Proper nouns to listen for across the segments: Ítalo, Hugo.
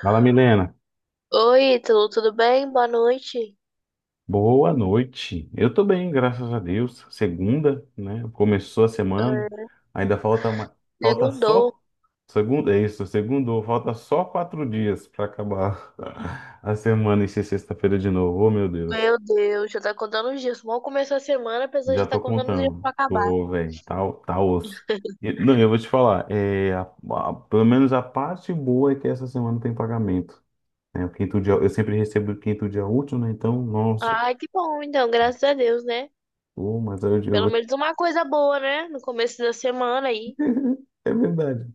Fala, Milena. Oi, Ítalo, tudo bem? Boa noite. Boa noite. Eu tô bem, graças a Deus. Segunda, né? Começou a semana. É, Ainda falta mais, falta segundou. só segunda, é isso, segundo, falta só 4 dias para acabar a semana e ser sexta-feira de novo. Oh, meu Deus. Meu Deus, já tá contando os dias. Mal começou a semana, a pessoa Já já tá tô contando os dias contando. pra acabar. Tô, velho, tá osso. E, não, eu vou te falar, é, pelo menos a parte boa é que essa semana tem pagamento. Né? O quinto dia, eu sempre recebo o quinto dia útil, né? Então, nossa, Ai, que bom, então, graças a Deus, né? pô, mas eu Pelo vou te menos uma coisa boa, né? No começo da semana aí, É verdade.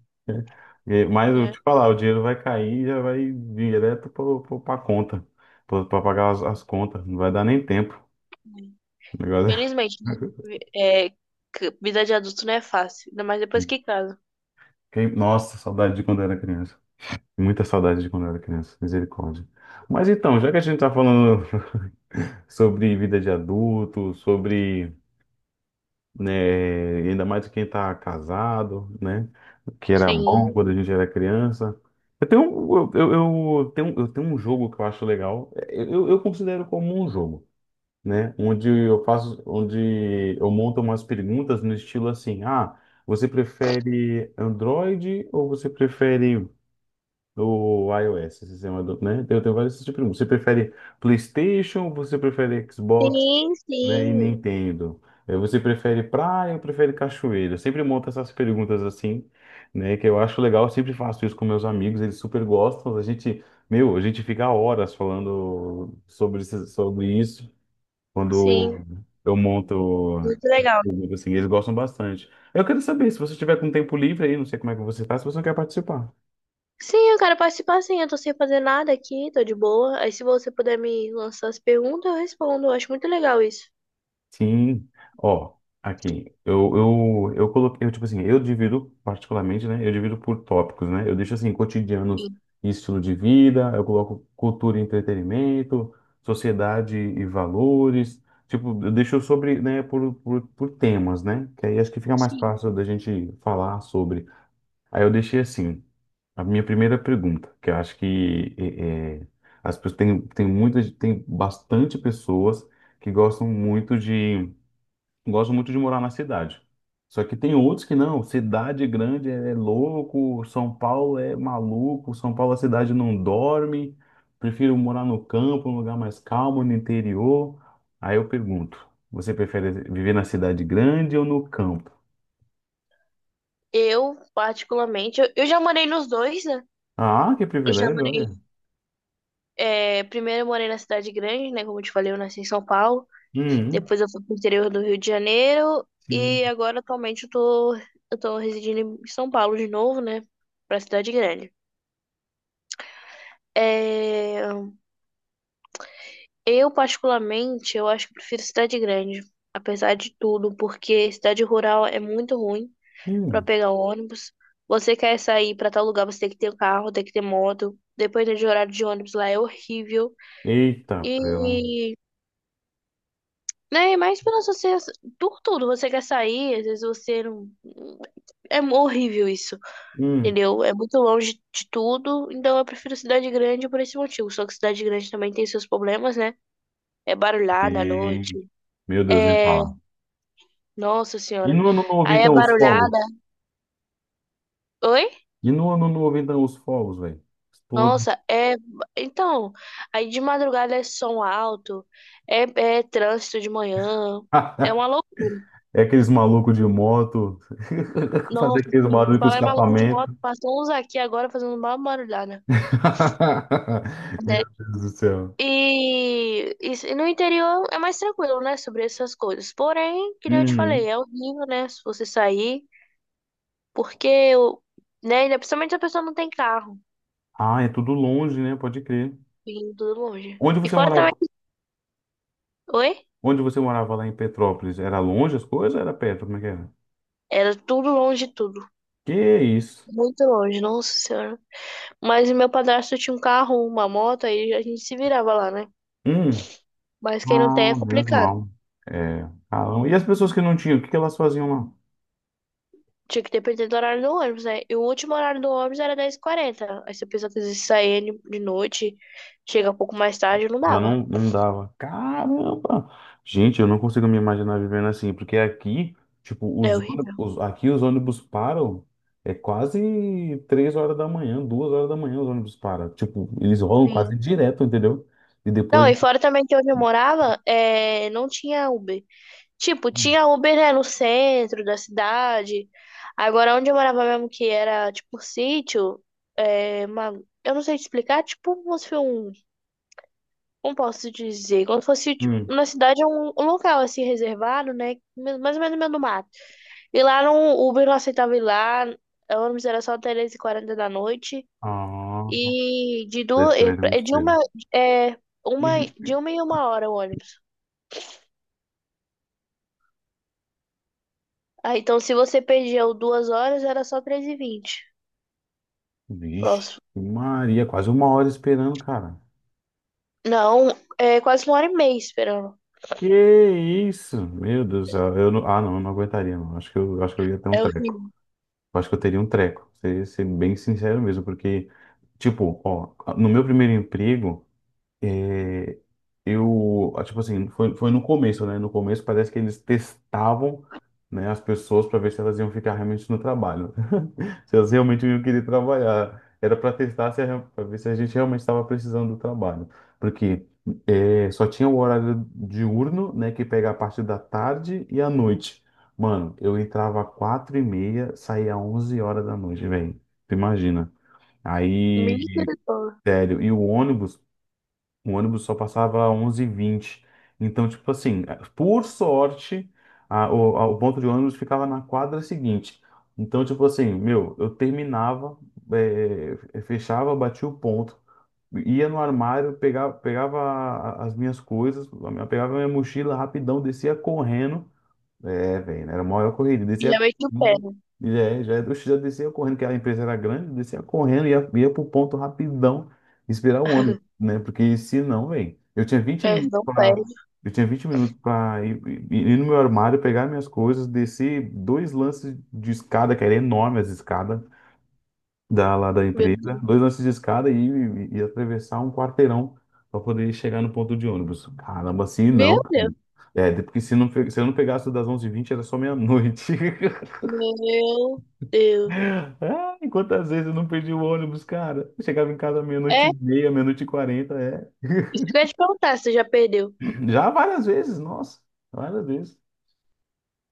É. É, mas eu né? te falar, o dinheiro vai cair e já vai direto para a conta, para pagar as contas. Não vai dar nem tempo. O negócio é- Felizmente, né? É, que vida de adulto não é fácil, ainda mais depois que casa. Nossa, saudade de quando eu era criança. Muita saudade de quando eu era criança. Misericórdia. Mas então, já que a gente está falando sobre vida de adulto, sobre, né? Ainda mais quem tá casado, né? Que era, uhum, bom Sim, quando a gente era criança. Eu tenho um jogo que eu acho legal. É, eu considero como um jogo, né? Onde eu faço, onde eu monto umas perguntas no estilo assim, ah, você prefere Android ou você prefere o iOS, esse sistema do, né? Eu tenho vários tipos de perguntas. Você prefere PlayStation ou você prefere Xbox? sim, Né? E sim, Nintendo. Eh, você prefere praia ou prefere cachoeira? Eu sempre monto essas perguntas assim, né? Que eu acho legal, eu sempre faço isso com meus amigos, eles super gostam. A gente, meu, a gente fica horas falando sobre, sobre isso quando sim. eu monto, Muito legal. perguntas assim, eles gostam bastante. Eu quero saber, se você tiver com tempo livre aí, não sei como é que você faz, se você não quer participar. Sim, eu quero participar sim, eu tô sem fazer nada aqui, tô de boa. Aí se você puder me lançar as perguntas, eu respondo. Eu acho muito legal isso. Sim, ó, aqui, eu coloquei, eu, tipo assim, eu divido particularmente, né, eu divido por tópicos, né, eu deixo assim, cotidianos Sim, e estilo de vida, eu coloco cultura e entretenimento, sociedade e valores, tipo, eu deixo sobre, né, por temas, né, que aí acho que fica mais sim. fácil da gente falar sobre. Aí eu deixei assim, a minha primeira pergunta, que eu acho que é, as pessoas, tem muitas, tem bastante pessoas que gostam muito de gosto muito de morar na cidade. Só que tem outros que não. Cidade grande é louco, São Paulo é maluco, São Paulo a cidade não dorme. Prefiro morar no campo, num lugar mais calmo, no interior. Aí eu pergunto, você prefere viver na cidade grande ou no campo? Eu, particularmente, eu já morei nos dois, né? Ah, que Eu já privilégio, morei. olha. É, primeiro eu morei na cidade grande, né? Como eu te falei, eu nasci em São Paulo. Hum, Depois eu fui pro interior do Rio de Janeiro. sim. E agora, atualmente, eu tô residindo em São Paulo de novo, né? Pra cidade grande. É. Eu, particularmente, eu acho que prefiro cidade grande, apesar de tudo, porque cidade rural é muito ruim para Hum. pegar ônibus. Você quer sair para tal lugar, você tem que ter um carro, tem que ter moto. Dependendo de horário de ônibus lá é horrível. Eita, prela. E, né, mas pela sociedade, por tudo, você quer sair, às vezes você não. É horrível isso, Hum. entendeu? É muito longe de tudo, então eu prefiro cidade grande por esse motivo. Só que cidade grande também tem seus problemas, né? É barulhada à É. noite. Meu Deus, nem É. fala. Nossa E senhora. no ano novo, Aí é então, os barulhada. fogos? Oi? E no ano novo, então, os fogos, velho? Estouro. Nossa, é. Então, aí de madrugada é som alto, é, é trânsito de manhã, é uma loucura. É aqueles malucos de moto, fazer Nossa, aqueles assim, barulhos com falar em maluco de moto, escapamento. passou uns aqui agora fazendo uma barulhada, né? Meu Deus do céu. E no interior é mais tranquilo, né, sobre essas coisas. Porém, que nem eu te falei, Uhum. é horrível, né, se você sair, porque, né, ainda principalmente se a pessoa não tem carro, Ah, é tudo longe, né? Pode crer. vindo tudo longe. Onde E você fora também. morava? Oi? Onde você morava lá em Petrópolis? Era longe as coisas? Ou era perto? Como é que era? Era tudo longe de tudo. Que isso? Muito longe, nossa senhora. Mas meu padrasto tinha um carro, uma moto, aí a gente se virava lá, né? Hum. Mas quem não tem é Ah, menos complicado. mal. É. Caramba. E as pessoas que não tinham, o que que elas faziam lá? Tinha que depender do horário do ônibus, né? E o último horário do ônibus era dez h 40. Aí se a pessoa quisesse sair de noite, chega um pouco mais tarde, não Já dava. não, não dava. Caramba! Gente, eu não consigo me imaginar vivendo assim, porque aqui, tipo, É os horrível. ônibus, aqui os ônibus param, é quase 3 horas da manhã, 2 horas da manhã os ônibus param. Tipo, eles rolam quase Sim. direto, entendeu? E Não, depois. e fora também que onde eu morava, é... não tinha Uber. Tipo, tinha Uber, né, no centro da cidade. Agora, onde eu morava mesmo, que era, tipo, sítio, é, uma... eu não sei te explicar, tipo, como se fosse um... Como posso dizer? Como se fosse, tipo, Hum. na cidade, é um, local, assim, reservado, né, mais ou menos no meio do mato. E lá no Uber não aceitava ir lá, o ônibus era só três e quarenta da noite. Ah, E de 10 duas, e km é muito de uma, cedo. é, uma, de uma em uma hora o ônibus. Ah, então se você perdia o duas horas, era só três e vinte. Vixe, Próximo. Maria, quase uma hora esperando, cara. Não, é quase uma hora e meia esperando. Que isso? Meu Deus do céu. Eu não, ah, não, eu não aguentaria, não. Acho que eu ia ter um É treco. horrível. Eu acho que eu teria um treco, ser bem sincero mesmo, porque, tipo, ó, no meu primeiro emprego, é, eu, ah, tipo assim, foi no começo, né? No começo parece que eles testavam, né, as pessoas para ver se elas iam ficar realmente no trabalho. Se elas realmente iam querer trabalhar. Era para testar se para ver se a gente realmente estava precisando do trabalho. Porque é, só tinha o horário diurno, né, que pega a parte da tarde e a noite. Mano, eu entrava às 4h30, saía às 11 horas da noite, velho. Tu imagina. Aí, Misericórdia. sério, e o ônibus só passava 11h20. Então, tipo assim, por sorte, o ponto de ônibus ficava na quadra seguinte. Então, tipo assim, meu, eu terminava, fechava, batia o ponto, ia no armário, pegava, as minhas coisas, pegava a minha mochila rapidão, descia correndo, é, velho, era a maior corrida. Descia Já meti o correndo. pé. E é, já, oxe, já descia correndo, que a empresa era grande, descia correndo, ia pro ponto rapidão, esperar o ônibus, né? Porque se não, velho, eu tinha vinte É, minutos não pra. perde. Eu tinha 20 minutos pra ir, ir no meu armário, pegar minhas coisas, descer 2 lances de escada, que era enorme as escadas lá da Meu empresa, Deus. 2 lances de escada e atravessar um quarteirão pra poder chegar no ponto de ônibus. Caramba, assim Meu não. Deus. É, até porque se eu não pegasse o das 11h20 era só meia-noite. Meu Deus. Ah, e quantas vezes eu não perdi o ônibus, cara? Eu chegava em casa meia-noite É, e meia, meia-noite e quarenta, é. isso que eu ia te perguntar se você já perdeu. Já várias vezes, nossa, várias vezes.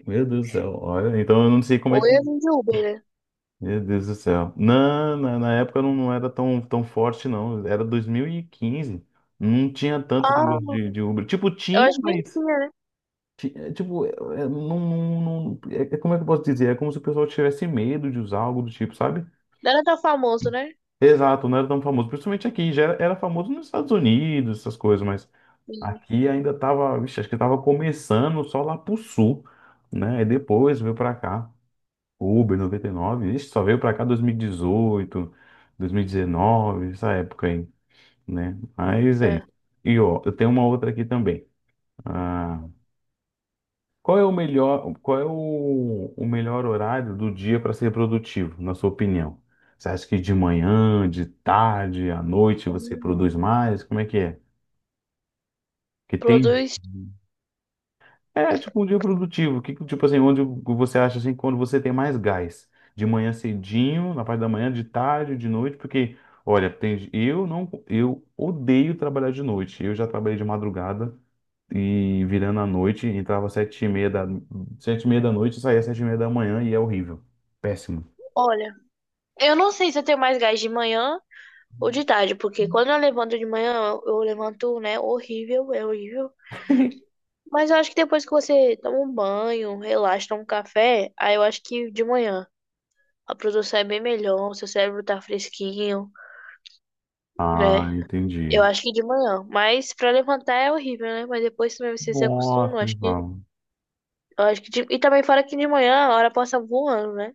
Meu Deus do céu, olha, então eu não sei como Ou é que. eu vim de Uber, né? Meu Deus do céu. Na época não, era tão forte, não. Era 2015. Não tinha tanto esse negócio Ah, de Uber. Tipo, eu tinha, acho que nem mas. tinha, né? Tipo, não, é como é que eu posso dizer? É como se o pessoal tivesse medo de usar algo do tipo, sabe? Não era tão famoso, né? Exato, não era tão famoso. Principalmente aqui, já era famoso nos Estados Unidos, essas coisas, mas Sim. aqui ainda tava, vixe, acho que tava começando só lá pro sul, né? E depois veio pra cá, Uber 99 ixi, só veio pra cá dois mil e dezoito dois mil e 2019, essa época aí, né? Mas é É. isso. E ó, eu tenho uma outra aqui também. Qual é o melhor, qual é o melhor horário do dia para ser produtivo, na sua opinião? Você acha que de manhã, de tarde, à noite você Hum, produz mais? Como é? Que tem Produz. é tipo um dia produtivo. Que, tipo assim, onde você acha assim quando você tem mais gás? De manhã cedinho, na parte da manhã, de tarde, de noite, porque olha, tem, eu não eu odeio trabalhar de noite. Eu já trabalhei de madrugada e virando à noite, entrava 7h30 da, 7h30 da noite, saía 7h30 da manhã e é horrível. Péssimo. Olha, eu não sei se eu tenho mais gás de manhã ou de tarde, porque quando eu levanto de manhã, eu levanto, né? Horrível, é horrível. Mas eu acho que depois que você toma um banho, relaxa, toma um café, aí eu acho que de manhã a produção é bem melhor, seu cérebro tá fresquinho, Ah, né? Eu entendi. acho que de manhã. Mas pra levantar é horrível, né? Mas depois também você se acostuma, Nossa, Val. eu acho que de- e também fora que de manhã a hora passa voando, né?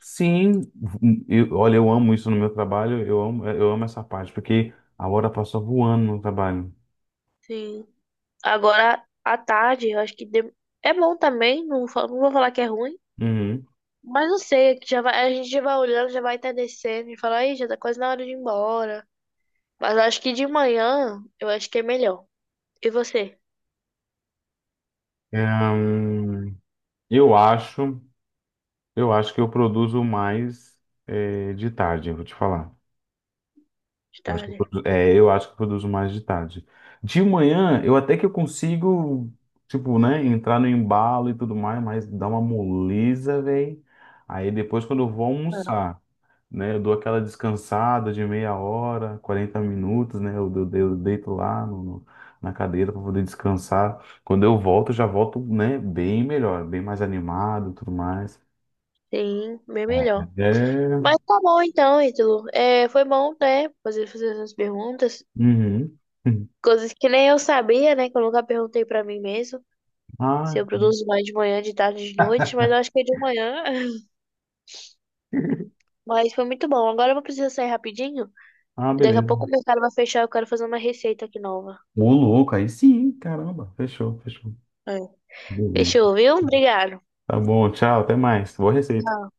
Sim, eu, olha, eu amo isso no meu trabalho, eu amo essa parte, porque a hora passa voando no trabalho. Sim. Agora à tarde, eu acho que de- é bom também, não, não vou falar que é ruim. Uhum. Mas não sei, que já vai, a gente já vai olhando, já vai estar descendo e fala, aí, já tá quase na hora de ir embora. Mas acho que de manhã eu acho que é melhor. E você? É, hum, eu acho, eu acho que eu produzo mais, eh, de tarde, eu vou te falar. De Eu acho que tarde? É, eu acho que eu produzo mais de tarde. De manhã, eu até que eu consigo, tipo, né, entrar no embalo e tudo mais, mas dá uma moleza, velho. Aí depois, quando eu vou almoçar, né, eu dou aquela descansada de meia hora, 40 minutos, né, eu deito lá no, na cadeira para poder descansar. Quando eu volto, eu já volto, né, bem melhor, bem mais animado e tudo mais. Sim, bem melhor. É. Mas tá bom então, Ítalo. É, foi bom, né? Fazer essas perguntas. Uhum. Coisas que nem eu sabia, né? Que eu nunca perguntei pra mim mesmo. Se Ah, eu produzo mais de manhã, de tarde, de noite. Mas eu acho que é de manhã. Mas foi muito bom. Agora eu vou precisar sair rapidinho. ah, E daqui a pouco o beleza. mercado vai fechar. Eu quero fazer uma receita aqui nova. Ô, louco, aí sim, caramba. Fechou, fechou. É. Beleza. Fechou, viu? Obrigado. Tá bom, tchau, até mais. Boa receita. Tchau.